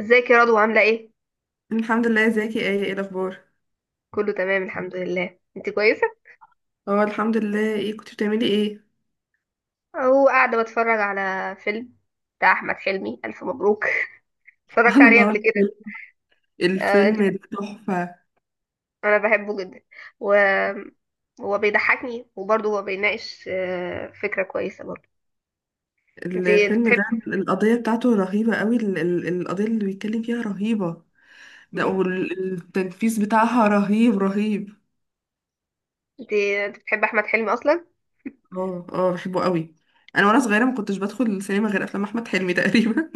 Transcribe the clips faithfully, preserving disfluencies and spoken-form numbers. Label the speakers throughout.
Speaker 1: ازيك يا رضوى عاملة ايه؟
Speaker 2: الحمد لله، ازيك يا، ايه ايه الاخبار؟
Speaker 1: كله تمام الحمد لله، انت كويسة؟
Speaker 2: اه، الحمد لله. ايه، كنت بتعملي ايه؟
Speaker 1: اهو قاعدة بتفرج على فيلم بتاع احمد حلمي، الف مبروك. اتفرجت عليه قبل
Speaker 2: الله!
Speaker 1: كده. آه انت،
Speaker 2: الفيلم ده تحفة.
Speaker 1: انا بحبه جدا و هو بيضحكني وبرضه هو بيناقش آه فكرة كويسة برضه. انت
Speaker 2: ال-
Speaker 1: انت
Speaker 2: الفيلم
Speaker 1: بتحب.
Speaker 2: ده القضية بتاعته رهيبة قوي. ال- ال- القضية اللي بيتكلم فيها رهيبة. ده،
Speaker 1: مهم.
Speaker 2: والتنفيذ بتاعها رهيب رهيب.
Speaker 1: انت انت بتحب احمد حلمي اصلا؟
Speaker 2: اه، اه، بحبه قوي. انا وانا صغيرة، ما كنتش بدخل السينما غير افلام احمد حلمي تقريبا.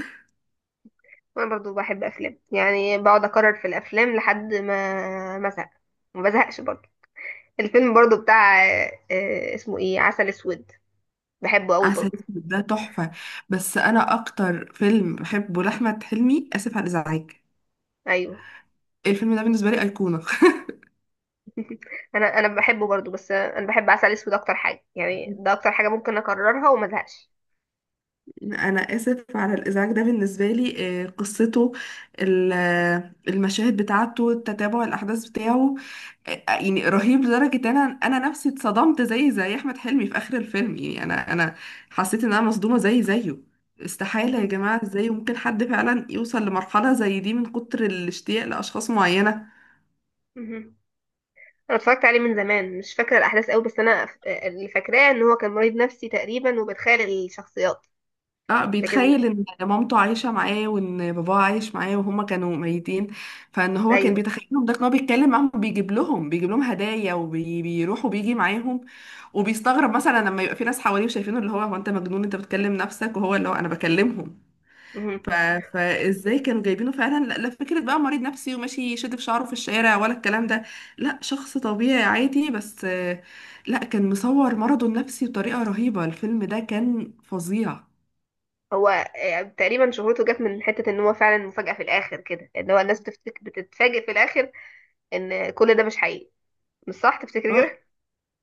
Speaker 1: وانا برضه بحب افلام، يعني بقعد اكرر في الافلام لحد ما ما ازهق، ما بزهقش برضه. الفيلم برضه بتاع آه آه، اسمه ايه، عسل اسود. بحبه قوي
Speaker 2: عسل
Speaker 1: برضه.
Speaker 2: اسود ده تحفة. بس انا اكتر فيلم بحبه لاحمد حلمي، اسف على الازعاج.
Speaker 1: ايوه.
Speaker 2: الفيلم ده بالنسبة لي ايقونة.
Speaker 1: انا انا بحبه برضو، بس انا بحب عسل اسود اكتر حاجه، يعني ده اكتر حاجه ممكن اكررها وما ازهقش.
Speaker 2: انا، اسف على الازعاج، ده بالنسبه لي. آه، قصته، ال- آه، المشاهد بتاعته، تتابع الاحداث بتاعه. آه، يعني رهيب لدرجه ان انا انا نفسي اتصدمت زي زي احمد حلمي في اخر الفيلم. يعني انا انا حسيت ان انا مصدومه زي زيه. استحاله يا
Speaker 1: مهم.
Speaker 2: جماعه! ازاي ممكن حد فعلا يوصل لمرحله زي دي من كتر الاشتياق لاشخاص معينه؟
Speaker 1: مهم. انا اتفرجت عليه من زمان، مش فاكره الاحداث قوي، بس انا ف- اللي فاكراه ان هو كان مريض نفسي تقريبا وبيتخيل الشخصيات.
Speaker 2: اه،
Speaker 1: لكن
Speaker 2: بيتخيل ان مامته عايشة معاه، وان باباه عايش معاه، وهما كانوا ميتين. فان هو كان
Speaker 1: ايوه.
Speaker 2: بيتخيلهم، ده ان هو بيتكلم معاهم، وبيجيب لهم بيجيب لهم هدايا، وبيروح وبيجي معاهم. وبيستغرب مثلا لما يبقى في ناس حواليه وشايفينه، اللي هو، هو انت مجنون، انت بتكلم نفسك، وهو اللي هو، انا بكلمهم.
Speaker 1: مهم.
Speaker 2: ف... فازاي كانوا جايبينه فعلا؟ لا، لا، فكرة بقى مريض نفسي وماشي يشد في شعره في الشارع ولا الكلام ده. لا، شخص طبيعي عادي، بس آه، لا، كان مصور مرضه النفسي بطريقة رهيبة. الفيلم ده كان فظيع.
Speaker 1: هو آه، تقريبا شهرته جت من حته ان هو فعلا مفاجاه في الاخر كده، ان هو الناس بتفتك... بتتفاجئ في الاخر ان كل ده مش حقيقي. مش صح تفتكري
Speaker 2: اه،
Speaker 1: كده؟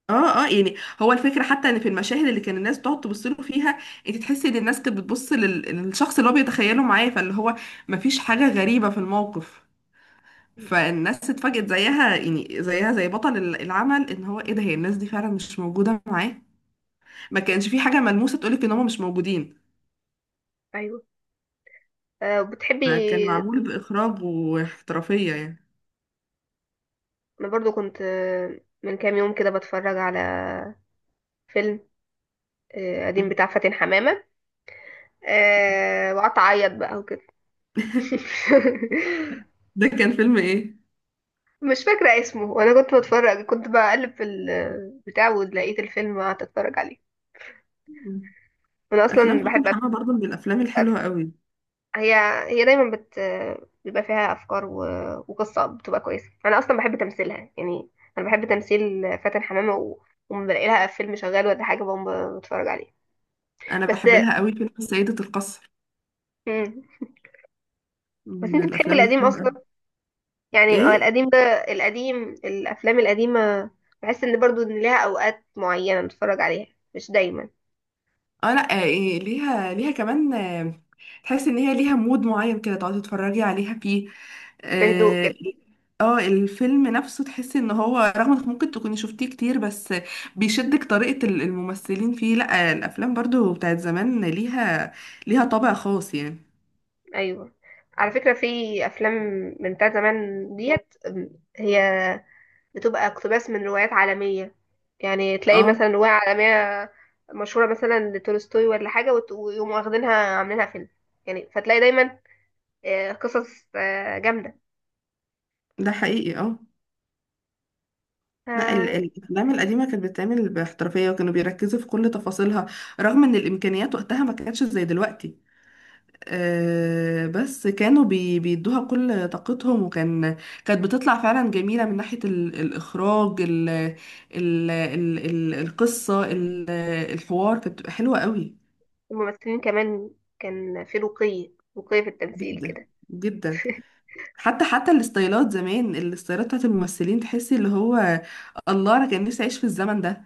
Speaker 2: اه، اه، يعني هو الفكره، حتى ان في المشاهد اللي كان الناس بتقعد تبص له فيها، انت تحسي ان الناس كانت بتبص لل- للشخص اللي هو بيتخيله معاه، فاللي هو مفيش حاجه غريبه في الموقف.
Speaker 1: مهم.
Speaker 2: فالناس اتفاجئت زيها، يعني زيها زي بطل ال- العمل، ان هو ايه ده، هي الناس دي فعلا مش موجوده معاه. ما كانش في حاجه ملموسه تقولك ان هم مش موجودين.
Speaker 1: ايوه. آه، بتحبي.
Speaker 2: فكان معمول باخراج واحترافيه يعني.
Speaker 1: انا برضو كنت، آه، من كام يوم كده بتفرج على فيلم آه، قديم بتاع فاتن حمامة. آه، وقعدت أعيط بقى وكده.
Speaker 2: ده كان فيلم ايه؟
Speaker 1: مش فاكرة اسمه، وأنا كنت بتفرج، كنت بقلب في البتاع ولقيت الفيلم وقعدت أتفرج عليه. أنا
Speaker 2: افلام
Speaker 1: أصلا
Speaker 2: فاتن
Speaker 1: بحب أف...
Speaker 2: حمامه برضو من الافلام
Speaker 1: أف-
Speaker 2: الحلوه قوي.
Speaker 1: هي، هي دايما بت بيبقى فيها أفكار و... وقصة بتبقى كويسة. أنا أصلا بحب تمثيلها يعني. أنا بحب تمثيل فاتن حمامة، و... وما بلاقي لها فيلم شغال ولا حاجة بقوم بتفرج عليه.
Speaker 2: انا
Speaker 1: بس
Speaker 2: بحب لها قوي فيلم سيده القصر،
Speaker 1: مم. بس
Speaker 2: من
Speaker 1: أنت بتحبي
Speaker 2: الافلام
Speaker 1: القديم
Speaker 2: الحلوه.
Speaker 1: أصلا، يعني هو
Speaker 2: ايه.
Speaker 1: القديم ده، القديم، الافلام القديمه، بحس ان برضو ان ليها اوقات معينه نتفرج عليها، مش دايما،
Speaker 2: اه، لا، آه، إيه، ليها ليها كمان، آه، تحس ان هي ليها مود معين كده تقعدي تتفرجي عليها فيه.
Speaker 1: في هدوء
Speaker 2: اه،
Speaker 1: كده.
Speaker 2: إيه، آه، الفيلم نفسه تحسي ان هو رغم انك ممكن تكوني شفتيه كتير، بس بيشدك طريقة ال- الممثلين فيه. لا، الافلام برضو بتاعت زمان ليها ليها طابع خاص يعني.
Speaker 1: ايوه. على فكره، في افلام من بتاع زمان ديت أم، هي بتبقى اقتباس من روايات عالميه، يعني تلاقي
Speaker 2: اه،
Speaker 1: مثلا روايه عالميه مشهوره، مثلا لتولستوي ولا حاجه، وت- ويقوموا واخدينها عاملينها فيلم. يعني فتلاقي دايما آه، قصص آه، جامده.
Speaker 2: ده حقيقي. اه، لا،
Speaker 1: آه،
Speaker 2: ال- الافلام القديمه كانت بتتعمل باحترافيه، وكانوا بيركزوا في كل تفاصيلها، رغم ان الامكانيات وقتها ما كانتش زي دلوقتي. آه، بس كانوا بي بيدوها كل طاقتهم، وكان كانت بتطلع فعلا جميلة، من ناحية ال- الإخراج، ال ال ال ال القصة، ال الحوار كانت بتبقى حلوة قوي.
Speaker 1: الممثلين كمان، كان في رقي، رقي في التمثيل
Speaker 2: جدا،
Speaker 1: كده.
Speaker 2: جدا. حتى حتى الستايلات زمان، الستايلات بتاعت الممثلين تحسي اللي هو، الله! أنا كان نفسي أعيش في الزمن ده.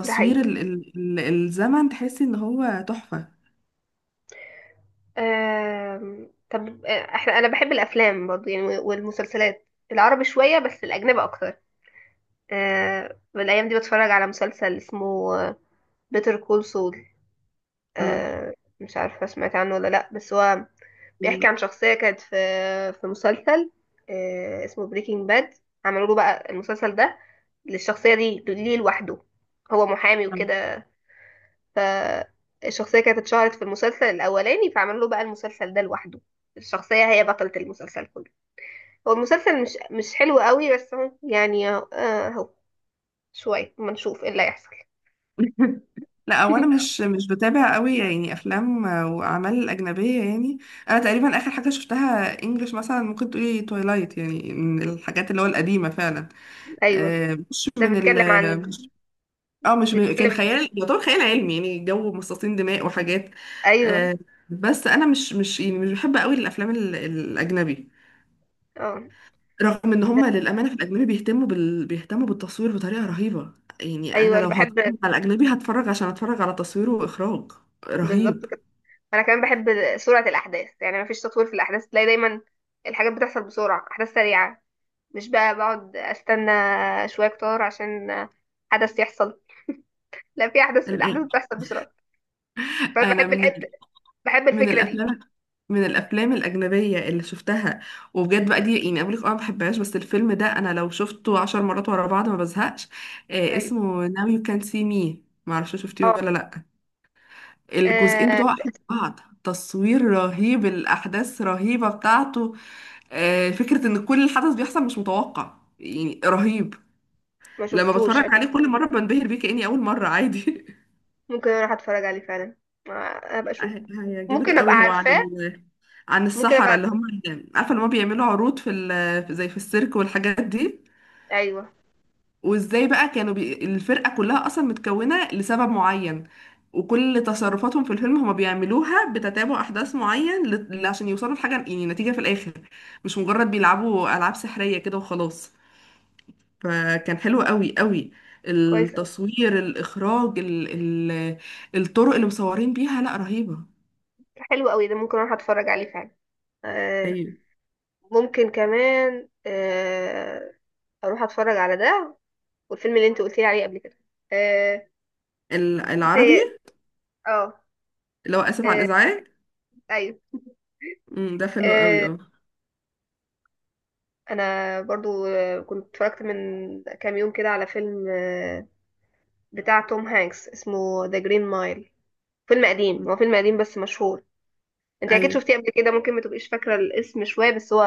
Speaker 1: ده حقيقي.
Speaker 2: ال ال ال الزمن تحسي إن هو تحفة.
Speaker 1: آم... طب آه، احنا، انا بحب الافلام برضه، يعني والمسلسلات العربي شويه بس الاجنبي اكتر. آه... الايام دي بتفرج على مسلسل اسمه بيتر كول سول.
Speaker 2: اه،
Speaker 1: آه... مش عارفه سمعت عنه ولا لا، بس هو بيحكي عن شخصيه كانت في في مسلسل آه... اسمه بريكنج باد. عملوا له بقى المسلسل ده للشخصيه دي ليه لوحده. هو محامي وكده، فالشخصية كانت اتشهرت في المسلسل الأولاني فعملوا له بقى المسلسل ده لوحده. الشخصية هي بطلة المسلسل كله. هو المسلسل مش مش حلو قوي، بس هو يعني آه، اهو، شوية ما نشوف ايه اللي هيحصل.
Speaker 2: لا، هو انا مش مش بتابع قوي يعني افلام واعمال اجنبيه يعني. انا تقريبا اخر حاجه شفتها انجلش، مثلا ممكن تقولي تويلايت، يعني من الحاجات اللي هو القديمه فعلا.
Speaker 1: ايوه.
Speaker 2: آه، مش
Speaker 1: ده
Speaker 2: من
Speaker 1: بيتكلم
Speaker 2: ال
Speaker 1: عن،
Speaker 2: مش- اه، مش من... كان
Speaker 1: بيتكلم،
Speaker 2: خيال، يعتبر خيال علمي، يعني جو مصاصين دماء وحاجات.
Speaker 1: ايوه.
Speaker 2: آه، بس انا مش مش يعني مش بحب قوي الافلام ال- الاجنبي،
Speaker 1: اه،
Speaker 2: رغم ان هم للامانه في الاجنبي بيهتموا بال... بيهتموا بالتصوير بطريقه رهيبه. يعني انا
Speaker 1: ايوه انا
Speaker 2: لو هتفرج
Speaker 1: بحب،
Speaker 2: على الاجنبي، هتفرج عشان اتفرج على تصويره واخراج رهيب.
Speaker 1: بالظبط كده. انا كمان بحب سرعة الاحداث، يعني ما فيش تطوير في الاحداث، تلاقي دايما الحاجات بتحصل بسرعة، احداث سريعة، مش بقى بقعد استنى شوية كتار عشان حدث يحصل. لا، في احداث،
Speaker 2: الآن،
Speaker 1: الاحداث بتحصل بسرعه، فانا
Speaker 2: انا
Speaker 1: بحب
Speaker 2: من
Speaker 1: الحته،
Speaker 2: ال...
Speaker 1: بحب
Speaker 2: من
Speaker 1: الفكره دي.
Speaker 2: الافلام، من الافلام الاجنبيه اللي شفتها، وبجد بقى دي، يعني اقول لك اه ما بحبهاش، بس الفيلم ده انا لو شفته عشر مرات ورا بعض ما بزهقش. آه
Speaker 1: ايوه.
Speaker 2: اسمه Now You Can See Me. ما اعرفش، شفتيه
Speaker 1: اه.
Speaker 2: ولا لا؟ الجزئين
Speaker 1: آه،
Speaker 2: بتوعه احلى من بعض. تصوير رهيب. الاحداث رهيبه بتاعته. آه، فكرة ان كل الحدث بيحصل مش متوقع، يعني رهيب.
Speaker 1: ما
Speaker 2: لما
Speaker 1: شفتوش
Speaker 2: بتفرج
Speaker 1: أكيد.
Speaker 2: عليه كل مرة بنبهر بيه كأني أول مرة عادي.
Speaker 1: ممكن اروح اتفرج عليه فعلا، آه، ابقى اشوف،
Speaker 2: هي- هيعجبك
Speaker 1: ممكن ابقى
Speaker 2: قوي، هو عن
Speaker 1: عارفاه.
Speaker 2: ال... عن
Speaker 1: ممكن ابقى
Speaker 2: السحرة اللي
Speaker 1: عارفاه.
Speaker 2: هم اللي... عارفة اللي هم بيعملوا عروض في ال... في- زي في السيرك والحاجات دي.
Speaker 1: ايوه.
Speaker 2: وازاي بقى كانوا بي... الفرقة كلها أصلا متكونة لسبب معين، وكل تصرفاتهم في الفيلم هم بيعملوها بتتابع أحداث معين، ل... عشان يوصلوا لحاجة، يعني نتيجة في الآخر، مش مجرد بيلعبوا ألعاب سحرية كده وخلاص. فكان حلو قوي قوي،
Speaker 1: كويس قوي.
Speaker 2: التصوير، الإخراج، ال ال الطرق اللي مصورين بيها، لا رهيبة.
Speaker 1: حلو قوي ده، ممكن اروح اتفرج عليه فعلا. آه،
Speaker 2: أيوة،
Speaker 1: ممكن كمان آه، اروح اتفرج على ده، والفيلم اللي انت قلت لي عليه قبل كده. آه،
Speaker 2: ال- العربي،
Speaker 1: انت. اه.
Speaker 2: اللي هو آسف على
Speaker 1: آه،
Speaker 2: الإزعاج.
Speaker 1: ايوه.
Speaker 2: مم، ده حلو قوي،
Speaker 1: آه،
Speaker 2: اه.
Speaker 1: انا برضو آه، كنت اتفرجت من كام يوم كده على فيلم آه، بتاع توم هانكس، اسمه ذا جرين مايل. فيلم قديم،
Speaker 2: مم،
Speaker 1: هو فيلم قديم بس مشهور. انت اكيد
Speaker 2: أيوه،
Speaker 1: شفتيه قبل كده، ممكن ما تبقيش فاكره الاسم شويه، بس هو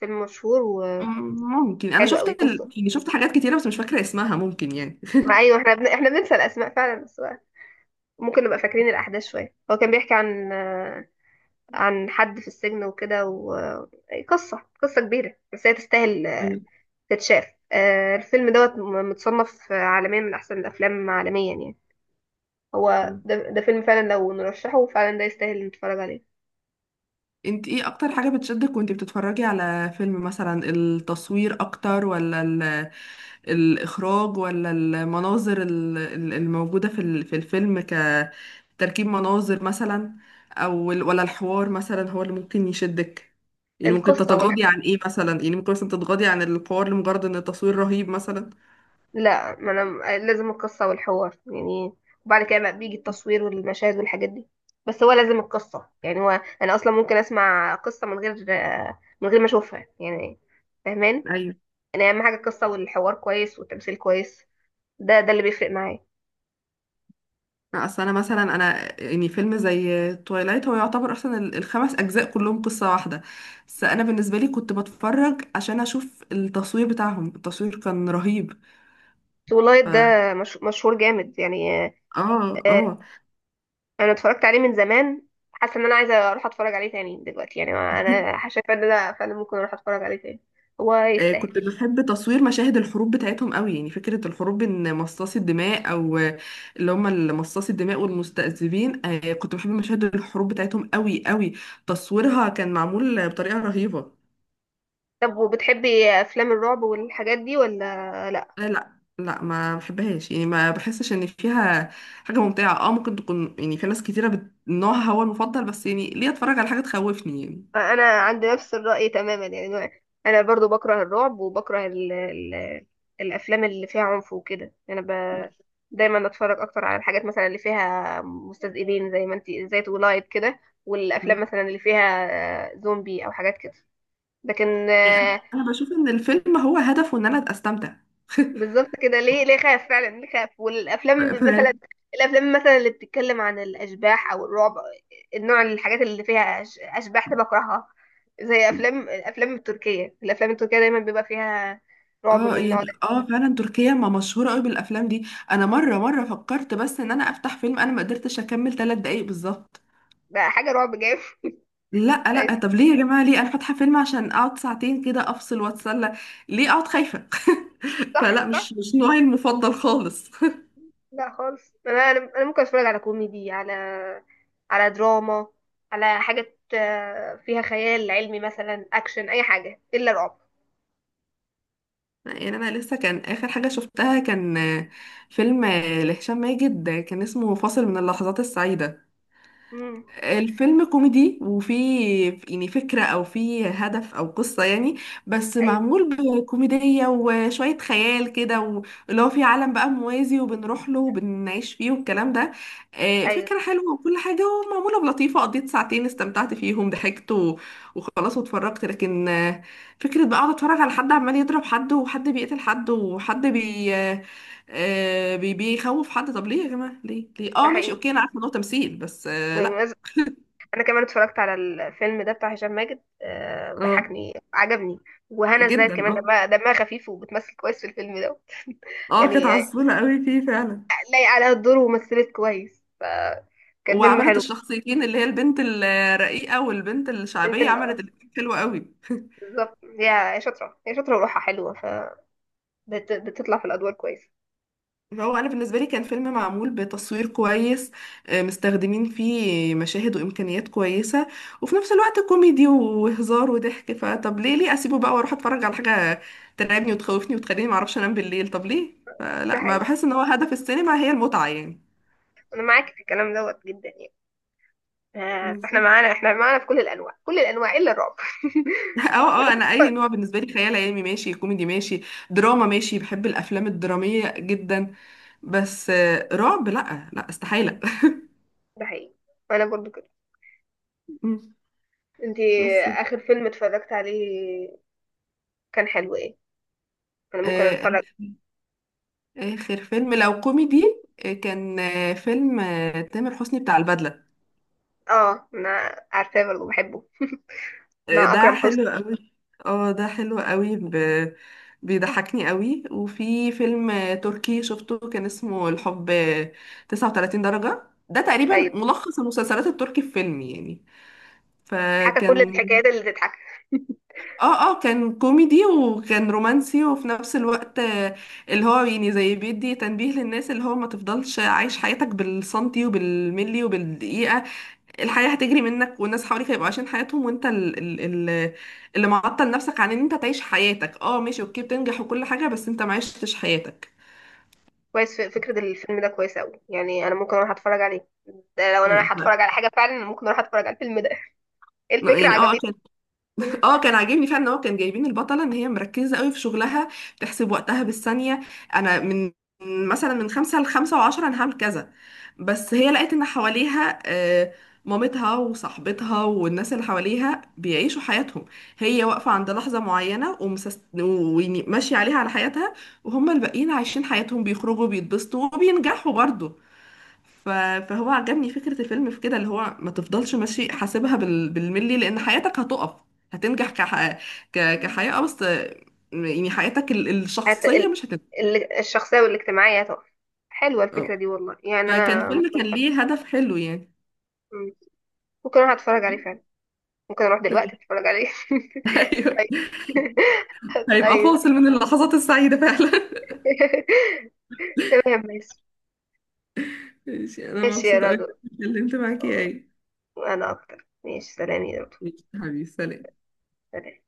Speaker 1: فيلم مشهور وحلو
Speaker 2: مم، ممكن. أنا
Speaker 1: قوي.
Speaker 2: شفت ال...
Speaker 1: قصه،
Speaker 2: يعني شفت حاجات كتيرة بس مش فاكرة اسمها، ممكن يعني.
Speaker 1: ما ايوه، احنا بن... احنا بننسى الاسماء فعلا، بس بقى ممكن نبقى فاكرين الاحداث شويه. هو كان بيحكي عن آه، عن حد في السجن وكده، وقصه، قصه كبيره، بس هي تستاهل آه،
Speaker 2: أيوه.
Speaker 1: تتشاف. آه، الفيلم دوت م- متصنف آه، عالميا من احسن الافلام عالميا يعني. هو
Speaker 2: مم.
Speaker 1: ده, ده فيلم فعلا لو نرشحه فعلا ده يستاهل نتفرج عليه.
Speaker 2: انت، ايه اكتر حاجة بتشدك وانت بتتفرجي على فيلم؟ مثلا التصوير اكتر، ولا الإخراج، ولا المناظر ال- ال- الموجودة في ال- في الفيلم كتركيب مناظر مثلا، أو ال- ولا الحوار مثلا هو اللي ممكن يشدك؟ يعني ممكن
Speaker 1: القصة،
Speaker 2: تتغاضي عن إيه مثلا؟ يعني ممكن مثلا تتغاضي عن الحوار لمجرد إن التصوير رهيب مثلا؟
Speaker 1: لا، ما انا لازم القصه والحوار يعني، وبعد كده بقى بيجي التصوير والمشاهد والحاجات دي. بس هو لازم القصه يعني. هو انا اصلا ممكن اسمع قصه من غير من غير ما اشوفها يعني. فاهمان.
Speaker 2: أيوة.
Speaker 1: انا اهم حاجه القصه والحوار كويس والتمثيل كويس، ده ده اللي بيفرق معايا.
Speaker 2: أصل أنا مثلا، أنا يعني فيلم زي تويلايت هو يعتبر أصلا ال- الخمس أجزاء كلهم قصة واحدة، بس أنا بالنسبة لي كنت بتفرج عشان أشوف التصوير بتاعهم، التصوير كان رهيب.
Speaker 1: سو لايت
Speaker 2: ف...
Speaker 1: ده مش... مشهور جامد يعني.
Speaker 2: اه،
Speaker 1: آه،
Speaker 2: اه.
Speaker 1: انا اتفرجت عليه من زمان، حاسه ان انا عايزه اروح اتفرج عليه تاني دلوقتي. يعني انا شايفه ان ده فعلا ممكن اروح اتفرج عليه تاني. هو
Speaker 2: آه، كنت
Speaker 1: يستاهل.
Speaker 2: بحب تصوير مشاهد الحروب بتاعتهم قوي، يعني فكرة الحروب، ان مصاصي الدماء، او آه، اللي هم مصاصي الدماء والمستذئبين. آه، كنت بحب مشاهد الحروب بتاعتهم قوي قوي، تصويرها كان معمول بطريقة رهيبة.
Speaker 1: طب وبتحبي افلام الرعب والحاجات دي ولا لا؟
Speaker 2: لا، لا، لا، ما بحبهاش، يعني ما بحسش ان فيها حاجة ممتعة. اه، ممكن تكون يعني في ناس كتيرة بت... نوعها هو المفضل، بس يعني ليه اتفرج على حاجة تخوفني يعني؟
Speaker 1: انا عندي نفس الرأي تماما يعني، انا برضو بكره الرعب وبكره ال ال الافلام اللي فيها عنف وكده. انا ب... دايما اتفرج اكتر على الحاجات مثلا اللي فيها مستذئبين، زي ما انت، زي تولايت كده،
Speaker 2: م.
Speaker 1: والافلام مثلا اللي فيها آه، زومبي او حاجات كده. لكن
Speaker 2: انا بشوف ان الفيلم هو هدفه ان انا استمتع.
Speaker 1: بالظبط كده، ليه ليه خاف فعلا، ليه خاف. والافلام ب- مثلا الافلام مثلا اللي بتتكلم عن الاشباح او الرعب، النوع، الحاجات اللي فيها أش- اشباح ده بكرهها، زي
Speaker 2: ف...
Speaker 1: افلام، الافلام التركيه، الافلام التركيه دايما بيبقى فيها رعب من
Speaker 2: اه،
Speaker 1: النوع
Speaker 2: يعني،
Speaker 1: ده.
Speaker 2: اه، فعلا تركيا ما مشهوره قوي بالافلام دي. انا مره مره فكرت بس ان انا افتح فيلم، انا ما قدرتش اكمل ثلاث دقايق بالظبط.
Speaker 1: ده حاجه رعب جامد.
Speaker 2: لا،
Speaker 1: أيوة،
Speaker 2: لا، طب ليه يا جماعه، ليه انا فاتحه فيلم عشان اقعد ساعتين كده افصل واتسلى؟ ليه اقعد خايفه؟
Speaker 1: صح
Speaker 2: فلا،
Speaker 1: صح.
Speaker 2: مش مش نوعي المفضل خالص.
Speaker 1: لا خالص، انا انا أنا ممكن اتفرج على كوميدي، على على دراما، على حاجه آه، فيها خيال علمي مثلا، اكشن، اي حاجه الا رعب.
Speaker 2: يعني انا لسه كان اخر حاجه شفتها، كان آه، فيلم آه، لهشام ماجد، آه، كان اسمه فاصل من اللحظات السعيده.
Speaker 1: امم.
Speaker 2: الفيلم كوميدي، وفيه يعني فكرة، أو فيه هدف أو قصة يعني، بس
Speaker 1: ايوه.
Speaker 2: معمول بكوميدية وشوية خيال كده، واللي هو فيه عالم بقى موازي، وبنروح له وبنعيش فيه والكلام ده. آه،
Speaker 1: ايوه
Speaker 2: فكرة حلوة وكل حاجة، ومعمولة بلطيفة. قضيت ساعتين استمتعت فيهم، ضحكت و- وخلاص واتفرجت. لكن آه، فكرة بقى أقعد أتفرج على حد عمال يضرب حد، وحد بيقتل حد، وحد بي آه، آه، بي- بيخوف حد، طب ليه يا جماعة، ليه ليه
Speaker 1: ده
Speaker 2: اه، ماشي،
Speaker 1: حقيقي.
Speaker 2: اوكي، انا عارفه ان هو تمثيل، بس آه لا.
Speaker 1: انا كمان اتفرجت على الفيلم ده بتاع هشام ماجد، آه،
Speaker 2: اه،
Speaker 1: وضحكني عجبني. وهنا ازاي
Speaker 2: جدا،
Speaker 1: كمان،
Speaker 2: اه.
Speaker 1: دمها دمها خفيف وبتمثل كويس في الفيلم ده،
Speaker 2: اه، كانت
Speaker 1: يعني آه،
Speaker 2: عسولة قوي فيه فعلا،
Speaker 1: لايق عليها الدور، ومثلت كويس، فكان فيلم
Speaker 2: وعملت
Speaker 1: حلو.
Speaker 2: الشخصيتين اللي هي البنت الرقيقة والبنت
Speaker 1: انت
Speaker 2: الشعبية،
Speaker 1: اللي،
Speaker 2: عملت الاتنين حلوة قوي.
Speaker 1: بالظبط. هي هي شاطره، هي شاطره وروحها حلوه، فبتطلع في الادوار كويس.
Speaker 2: فهو أنا بالنسبة لي كان فيلم معمول بتصوير كويس، آه، مستخدمين فيه مشاهد وإمكانيات كويسة، وفي نفس الوقت كوميدي وهزار وضحك. فطب ليه، ليه أسيبه بقى وأروح أتفرج على حاجة ترعبني وتخوفني وتخليني معرفش أنام بالليل؟ طب ليه؟
Speaker 1: ده
Speaker 2: فلا، ما
Speaker 1: حقيقي.
Speaker 2: بحس إن هو هدف السينما هي المتعة يعني.
Speaker 1: انا معاك في الكلام دوت جدا يعني، آه، فاحنا
Speaker 2: بالظبط.
Speaker 1: معانا، احنا معانا في كل الانواع، كل الانواع الا الرعب.
Speaker 2: اه، اه، انا اي نوع بالنسبه لي، خيال علمي ماشي، كوميدي ماشي، دراما ماشي، بحب الافلام الدراميه جدا. بس آه، رعب لا، لا، استحاله.
Speaker 1: ده حقيقي، انا برضو كده.
Speaker 2: مم.
Speaker 1: انت
Speaker 2: بس،
Speaker 1: اخر فيلم اتفرجت عليه كان حلو ايه؟ انا ممكن
Speaker 2: آه،
Speaker 1: اتفرج.
Speaker 2: اخر فيلم لو كوميدي، آه، كان آه، فيلم آه، تامر حسني، بتاع البدله.
Speaker 1: اه انا عارفاه برضه، بحبه،
Speaker 2: آه،
Speaker 1: مع
Speaker 2: ده
Speaker 1: اكرم حسني.
Speaker 2: حلو قوي، اه. ده حلو قوي. ب... بيضحكني قوي. وفي فيلم آه، تركي شفته، كان اسمه الحب آه، تسعة وتلاتين درجه. ده تقريبا
Speaker 1: ايوه.
Speaker 2: ملخص المسلسلات التركي في فيلم يعني.
Speaker 1: حكى كل
Speaker 2: فكان،
Speaker 1: الحكايات اللي تضحك.
Speaker 2: اه، اه، كان كوميدي وكان رومانسي، وفي نفس الوقت آه، اللي هو يعني زي بيدي تنبيه للناس، اللي هو ما تفضلش عايش حياتك بالسنتي وبالملي وبالدقيقة. الحياة هتجري منك، والناس حواليك هيبقوا عايشين حياتهم، وانت ال- ال- ال- اللي معطل نفسك عن ان انت تعيش حياتك. اه، ماشي، اوكي، بتنجح وكل حاجة، بس انت ما عشتش حياتك.
Speaker 1: كويس. ف- فكره الفيلم ده كويسه قوي يعني، انا ممكن اروح اتفرج عليه. ده لو انا
Speaker 2: مم.
Speaker 1: رايحه اتفرج على حاجه فعلا، ممكن اروح اتفرج على الفيلم ده. الفكره
Speaker 2: يعني، اه.
Speaker 1: عجبتني.
Speaker 2: اه، كان عاجبني فعلا ان هو كان جايبين البطله ان هي مركزه قوي في شغلها، بتحسب وقتها بالثانيه. انا، من مثلا من خمسة لخمسة وعشرة انا هعمل كذا. بس هي لقيت ان حواليها آه، مامتها وصاحبتها والناس اللي حواليها بيعيشوا حياتهم، هي واقفة عند لحظة معينة، ومسس... وماشية عليها على حياتها، وهم الباقيين عايشين حياتهم، بيخرجوا بيتبسطوا وبينجحوا برضه. ف- فهو عجبني فكرة الفيلم في كده، اللي هو ما تفضلش ماشي حاسبها بال- بالملي، لأن حياتك هتقف. هتنجح كح... ك... كحياة، آه، بس آه، يعني حياتك ال-
Speaker 1: هت...
Speaker 2: الشخصية
Speaker 1: ال...
Speaker 2: مش هتنجح.
Speaker 1: ال- الشخصيه والاجتماعيه طبعا. حلوه الفكره
Speaker 2: اه،
Speaker 1: دي والله، يعني
Speaker 2: فكان
Speaker 1: انا
Speaker 2: فيلم كان
Speaker 1: ممكن.
Speaker 2: ليه هدف حلو يعني.
Speaker 1: مم. ممكن اروح اتفرج عليه فعلا، ممكن اروح دلوقتي
Speaker 2: تمام.
Speaker 1: اتفرج عليه.
Speaker 2: ايوه،
Speaker 1: طيب.
Speaker 2: هيبقى
Speaker 1: طيب.
Speaker 2: فاصل من اللحظات السعيدة فعلا.
Speaker 1: تمام ماشي.
Speaker 2: ماشي، أنا
Speaker 1: ماشي يا
Speaker 2: مبسوطة أوي
Speaker 1: رضوى.
Speaker 2: إني اتكلمت معاكي أوي.
Speaker 1: انا اكتر، ماشي، سلام يا رب.
Speaker 2: ماشي حبيبي، سلام.
Speaker 1: ال-